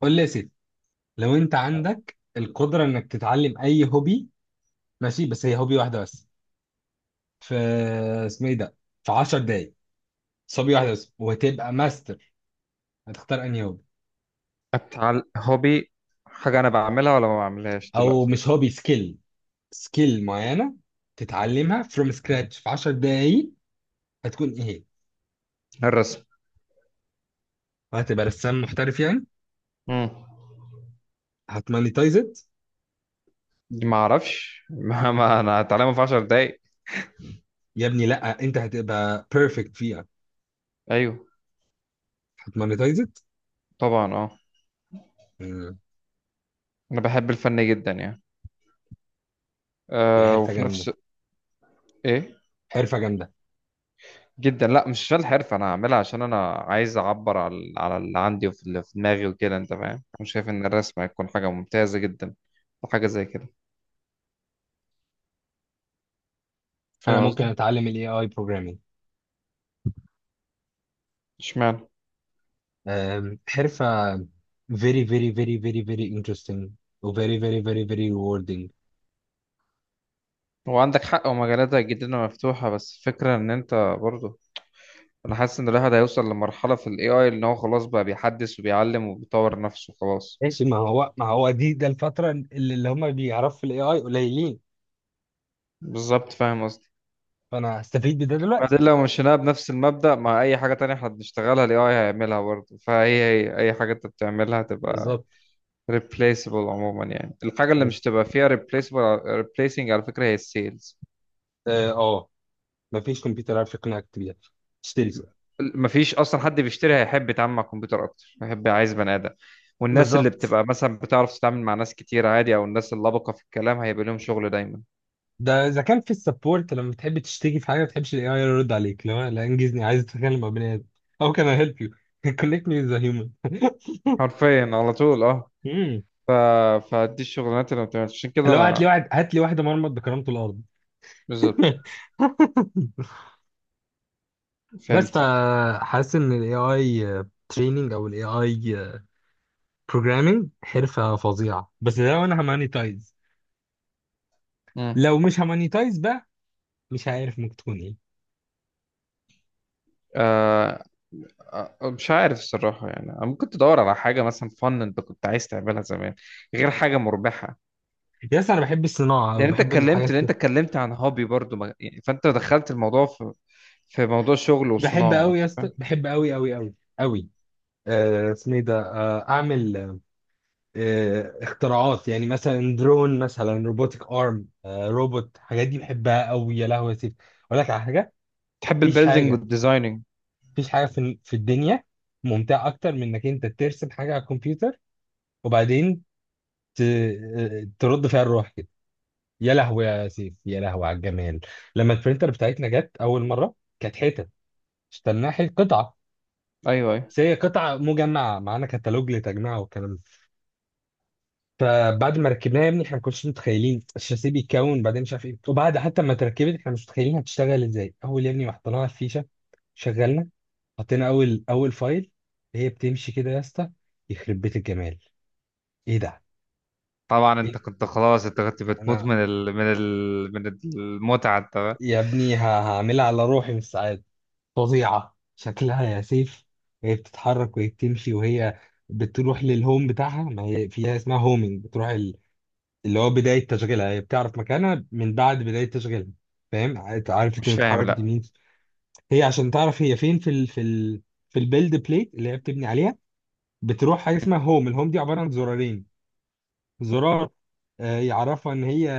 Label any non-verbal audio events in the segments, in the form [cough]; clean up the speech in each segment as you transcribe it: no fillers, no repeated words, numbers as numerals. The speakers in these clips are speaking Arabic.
قول لي يا سيدي، لو انت عندك القدره انك تتعلم اي هوبي. ماشي، بس هي هوبي واحده بس في، اسمه ايه ده، في 10 دقايق. بس هوبي واحده بس وهتبقى ماستر. هتختار انهي هوبي؟ هوبي. حاجة أنا بعملها ولا ما بعملهاش او دلوقتي؟ مش هوبي، سكيل. سكيل معينه تتعلمها فروم سكراتش في 10 دقايق. هتكون ايه هي؟ الرسم. وهتبقى رسام محترف يعني. مم. هتمونيتايز ات. ما أعرفش [laughs] ما أنا هتعلمه في عشر دقايق. يا ابني لا انت هتبقى بيرفكت فيها. أيوه. هتمونيتايز ات. طبعا، أه. أنا بحب الفن جدا يعني. دي أه، حرفه وفي جامده. نفس... إيه. حرفه جامده. جدا، لا مش عشان الحرفة، أنا هعملها عشان أنا عايز أعبر على على اللي عندي وفي اللي في دماغي وكده. أنت فاهم؟ مش شايف إن الرسم هيكون حاجة ممتازة جدا وحاجة زي كده؟ انا فاهم ممكن قصدي؟ اتعلم الاي اي بروجرامينج. اشمعنى؟ حرفة very very very very very interesting و very very very very rewarding. هو عندك حق ومجالاتها جدا مفتوحة، بس الفكرة إن أنت برضه... انا حاسس ان الواحد هيوصل لمرحلة في الاي اي ان هو خلاص بقى بيحدث وبيعلم وبيطور نفسه خلاص. ماشي، ما هو ده الفترة اللي هم بيعرفوا في الاي اي قليلين. بالظبط، فاهم قصدي. فانا هستفيد بده دلوقتي. بعدين لو مشيناها بنفس المبدأ مع اي حاجة تانية احنا بنشتغلها، الاي اي هيعملها برضه، فهي هي اي حاجة انت بتعملها تبقى بالظبط. replaceable عموما يعني. الحاجة اللي مش بس تبقى فيها replaceable replacing على فكرة هي السيلز. اه آه، ما فيش كمبيوتر عارف يقنعك بيها تشتري سوق. مفيش اصلا حد بيشتري هيحب يتعامل مع الكمبيوتر اكتر، هيحب عايز بني ادم. والناس اللي بالظبط. بتبقى مثلا بتعرف تتعامل مع ناس كتير عادي، او الناس اللبقة في الكلام هيبقى لهم شغل دايما. ده اذا كان في السبورت، لما بتحب تشتكي في حاجه ما بتحبش الاي اي يرد عليك. لو لا انجزني، عايز اتكلم مع بني ادم. How can I help you? [laughs] Connect me with a human. [laughs] حرفيا على طول، اه. مم. ف... فدي الشغلانات اللي ما بتعملش، عشان كده لو هات لي انا. واحد، هات لي واحده مرمط بكرامته الارض. بالظبط. [laughs] بس فهمت. فحاسس ان الاي اي تريننج او الاي اي بروجرامنج حرفه فظيعه، بس لو انا همانيتايز. مم. لو مش همانيتايز بقى مش عارف ممكن تكون ايه. آه... مش عارف الصراحة يعني. ممكن تدور على حاجة مثلا فن انت كنت عايز تعملها زمان، غير حاجة مربحة. يا اسطى انا بحب الصناعه او لان انت بحب اتكلمت، الحاجات. لان انت اتكلمت عن هوبي برضو يعني، فانت دخلت الموضوع في في موضوع شغل بحب وصناعة، قوي انت يا فاهم. اسطى، بحب قوي قوي قوي قوي. اسمه ايه ده، اعمل، اختراعات يعني، مثلا درون، مثلا روبوتك ارم، روبوت. الحاجات دي بحبها قوي. يا لهوي يا سيف، اقول لك على حاجه. تحب مفيش البيلدينج حاجه، والديزايننج. في الدنيا ممتعه اكتر من انك انت ترسم حاجه على الكمبيوتر وبعدين ت... ترد فيها الروح كده. يا لهوي يا سيف، يا لهوي على الجمال. لما البرينتر بتاعتنا جت اول مره كانت حتت، اشتريناها قطعه. ايوه، ايوه. بس هي قطعه مجمعه، معانا كتالوج لتجميعها والكلام ده. فبعد ما ركبناها يا ابني، احنا ما كناش متخيلين الشاسيه بيتكون بعدين مش عارف ايه. وبعد حتى ما اتركبت احنا مش متخيلين هتشتغل ازاي. اول يا ابني ما حطيناها الفيشه، شغلنا، حطينا اول فايل، هي بتمشي كده يا اسطى. يخرب بيت الجمال، ايه ده. طبعا انت ايه، كنت خلاص، انت كنت بتموت انا من المتعة، انت. يا ابني هعملها على روحي من السعاده. فظيعه شكلها يا سيف. هي بتتحرك وهي بتمشي وهي بتروح للهوم بتاعها، ما هي فيها اسمها هومينج. بتروح اللي هو بداية تشغيلها، هي بتعرف مكانها من بعد بداية تشغيلها. فاهم؟ عرفت ان مش فاهم، اتحركت لا. يمين، هي عشان تعرف هي فين في ال في البيلد بليت اللي هي بتبني عليها، بتروح حاجة اسمها هوم. الهوم دي عبارة عن زرارين. زرار يعرفها ان هي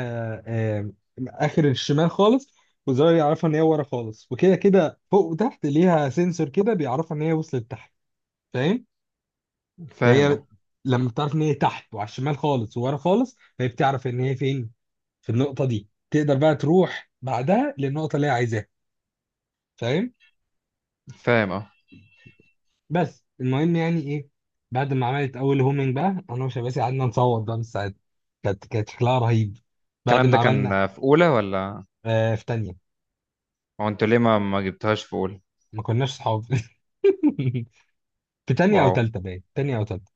آه، اخر الشمال خالص، وزرار يعرفها ان هي ورا خالص، وكده كده فوق وتحت ليها سنسور كده بيعرفها ان هي وصلت تحت. فاهم؟ فاهم، فهي اه. لما بتعرف ان هي تحت وعلى الشمال خالص وورا خالص، فهي بتعرف ان هي فين في النقطة دي. تقدر بقى تروح بعدها للنقطة اللي هي عايزاها. فاهم؟ فاهم، اه. بس المهم يعني ايه، بعد ما عملت اول هومينج بقى انا وشباسي قعدنا نصوت بقى من الساعات. كانت شكلها رهيب. بعد الكلام ما ده عملنا، كان في اولى ولا... آه في تانية. هو انتوا ليه ما جبتهاش في اولى؟ ما كناش صحاب. [laughs] في تانية او واو. تالتة، باين تانية او تالتة.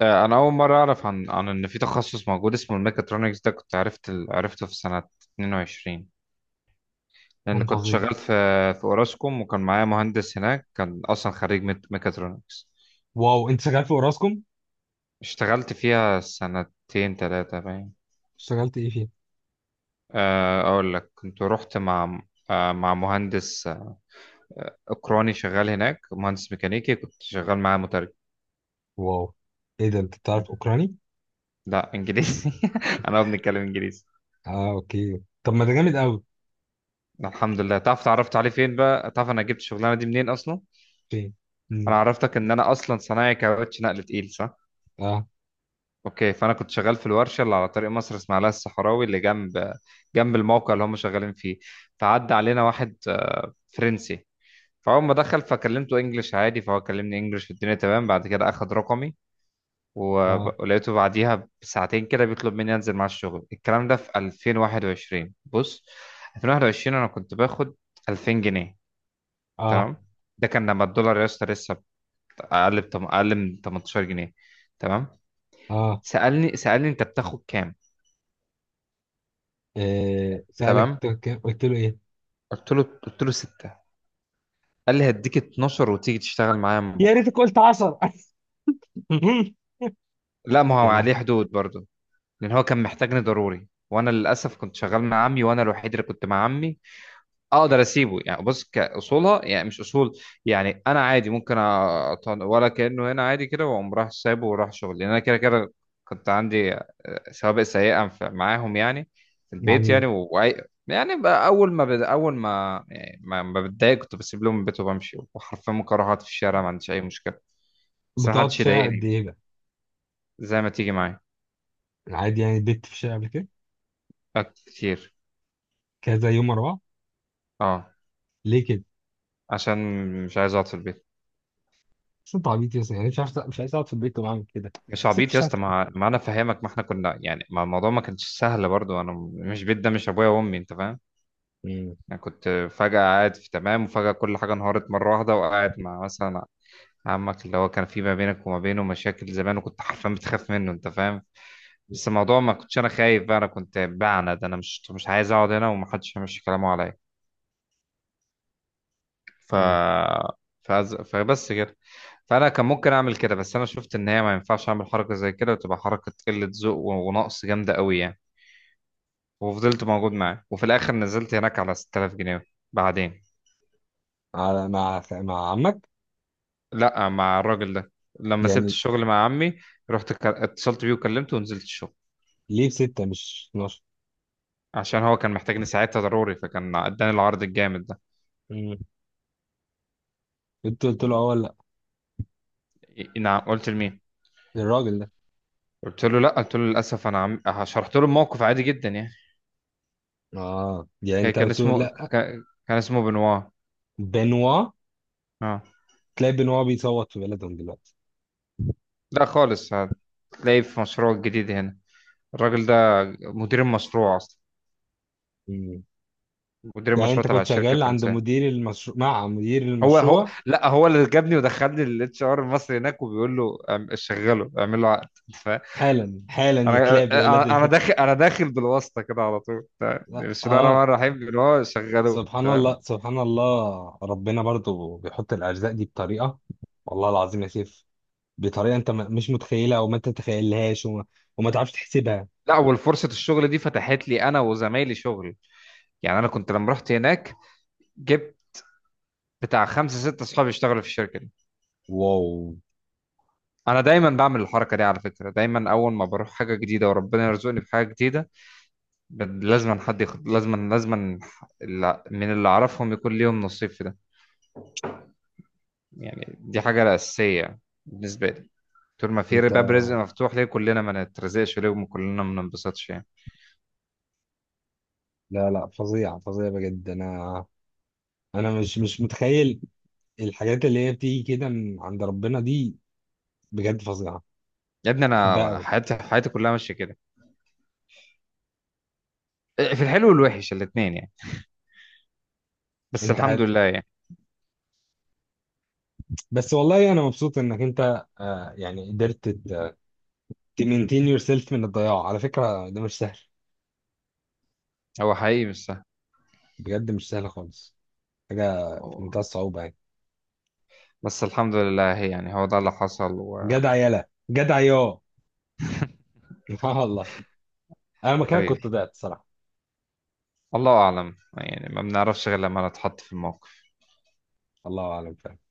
انا اول مره اعرف عن عن ان في تخصص موجود اسمه الميكاترونكس. ده كنت عرفت عرفته في سنه 22. لان كان كنت فظيع. شغال في في اوراسكوم، وكان معايا مهندس هناك كان اصلا خريج ميكاترونكس. واو، انت شغال في اوراسكوم؟ اشتغلت فيها سنتين ثلاثه باين. اشتغلت ايه فيها؟ اقول لك، كنت رحت مع مع مهندس اوكراني شغال هناك، مهندس ميكانيكي كنت شغال معاه مترجم. واو، ايه ده انت مم. بتعرف اوكراني؟ لا، انجليزي. [laughs] انا بنتكلم انجليزي. اه اوكي، طب ما ده جامد قوي. الحمد لله. تعرف اتعرفت عليه فين بقى؟ تعرف انا جبت الشغلانه دي منين اصلا؟ اوكي. انا مم. عرفتك ان انا اصلا صنايعي كاوتش نقل تقيل، صح؟ اه اوكي، فانا كنت شغال في الورشه اللي على طريق مصر اسماعيليه الصحراوي، اللي جنب الموقع اللي هم شغالين فيه. فعدى علينا واحد فرنسي. فاول ما دخل فكلمته انجلش عادي، فهو كلمني انجلش والدنيا تمام. بعد كده اخد رقمي، اه ولقيته بعديها بساعتين كده بيطلب مني انزل مع الشغل. الكلام ده في 2021، بص. 2021 انا كنت باخد 2000 جنيه. اه تمام. ده كان لما الدولار يا اسطى لسه اقل من 18 جنيه. تمام. اه. سالني انت بتاخد كام. سألك تمام. أنت كام، قلت له ايه؟ قلت له 6. قال لي هديك 12 وتيجي تشتغل معايا من يا بكره. ريتك قلت 10. [laughs] لا، ما هو يا لا. عليه حدود برضه. لان هو كان محتاجني ضروري، وانا للاسف كنت شغال مع عمي وانا الوحيد اللي كنت مع عمي. اقدر اسيبه يعني؟ بص كاصولها يعني، مش اصول. يعني انا عادي ممكن ولا كانه هنا عادي كده واقوم راح سايبه وراح شغل، لان انا كده كده كنت عندي سوابق سيئه معاهم يعني، في مع البيت يعني مين؟ يعني. بقى اول ما يعني ما بتضايق كنت بسيب لهم البيت وبمشي، وحرفيا ممكن اروح اقعد في الشارع ما عنديش اي مشكله. بس ما بتقعد في حدش الشارع قد يضايقني، ايه بقى؟ زي ما تيجي معايا. عادي يعني بت في الشارع قبل كده كتير. كذا يوم ورا بعض؟ اه. ليه كده؟ عشان مش عايز اقعد في البيت. بس انت عبيط يا اسطى. يعني مش عارف مش عايز اقعد في البيت وبعمل كده؟ مش سيب في. عبيط يا اسطى، ما انا فاهمك. ما احنا كنا يعني، ما الموضوع ما كانش سهل برضو، انا مش بيت ده مش ابويا وامي، انت فاهم. مم. انا كنت فجأة قاعد في تمام، وفجأة كل حاجة انهارت مرة واحدة، وقاعد مع مثلا عمك اللي هو كان في ما بينك وما بينه مشاكل زمان، وكنت حرفيا بتخاف منه، انت فاهم. بس الموضوع ما كنتش انا خايف، بقى انا كنت بعند، انا مش عايز اقعد هنا ومحدش يمشي كلامه عليا. ف مم. فبس كده. فانا كان ممكن اعمل كده، بس انا شفت ان هي ما ينفعش اعمل حركة زي كده، وتبقى حركة قلة ذوق ونقص جامدة قوي يعني. وفضلت موجود معاه، وفي الاخر نزلت هناك على 6000 جنيه. بعدين. على، مع مع عمك لا، مع الراجل ده، لما سبت يعني؟ الشغل مع عمي. اتصلت بيه وكلمته ونزلت الشغل. ليه ستة مش 12؟ عشان هو كان محتاجني ساعتها ضروري، فكان اداني العرض الجامد ده. مم. انت قلت له اه ولا إيه، نعم، قلت لمين؟ لا الراجل ده؟ قلت له لا، قلت له للاسف. انا شرحت له الموقف عادي جدا يعني. اه يعني كان انت كان قلت له اسمه. لا. كان اسمه بنوا. بنوا. اه. تلاقي بنوا بيصوت في بلدهم دلوقتي. لا، خالص. هتلاقيه في مشروع جديد هنا. الراجل ده مدير المشروع اصلا، مدير يعني انت المشروع تبع كنت الشركه شغال عند الفرنسيه. مدير المشروع، مع مدير هو المشروع؟ لا، هو اللي جابني ودخلني الاتش ار المصري هناك، وبيقول له شغله، اعمل له عقد. فانا. حالا حالا يا انا كلاب يا ولاد أنا ال... داخل بالواسطه كده على طول، تمام، [laughs] لا بسم الله الرحمن اه. الرحيم، اللي هو شغله سبحان تمام. الله سبحان الله، ربنا برضو بيحط الارزاق دي بطريقه، والله العظيم يا سيف، بطريقه انت مش متخيلها او ما تتخيلهاش، وما تعرفش تحسبها. لا، والفرصه الشغل دي فتحت لي انا وزمايلي شغل. يعني انا كنت لما رحت هناك، جبت بتاع خمسه سته اصحابي يشتغلوا في الشركه دي. واو. انا دايما بعمل الحركه دي على فكره، دايما اول ما بروح حاجه جديده وربنا يرزقني في حاجه جديده، لازما حد ياخد، لازما لازما من اللي اعرفهم يكون ليهم نصيب في ده. يعني دي حاجة أساسية بالنسبة لي. طول ما في انت، باب رزق مفتوح ليه، كلنا ما نترزقش ليه وكلنا ما ننبسطش يعني. لا لا فظيع فظيع بجد. انا مش متخيل الحاجات اللي هي بتيجي كده من عند ربنا دي. بجد فظيعه. يا ابني بحبها أنا قوي. حياتي، حياتي كلها ماشية كده، في الحلو والوحش الاتنين يعني، بس انت الحمد لله يعني. بس والله انا مبسوط انك انت، يعني قدرت تمينتين يور سيلف من الضياع. على فكره ده مش سهل. هو حقيقي مش سهل. بجد مش سهل خالص. حاجه في هو- منتهى الصعوبه يعني. بس الحمد لله، هي يعني هو ده اللي حصل. جدع يالا، جدع يا [laughs] اه. والله انا مكانك وحبيبي، كنت ضعت صراحه. الله أعلم يعني، ما بنعرفش غير لما نتحط في الموقف. الله اعلم فعلا.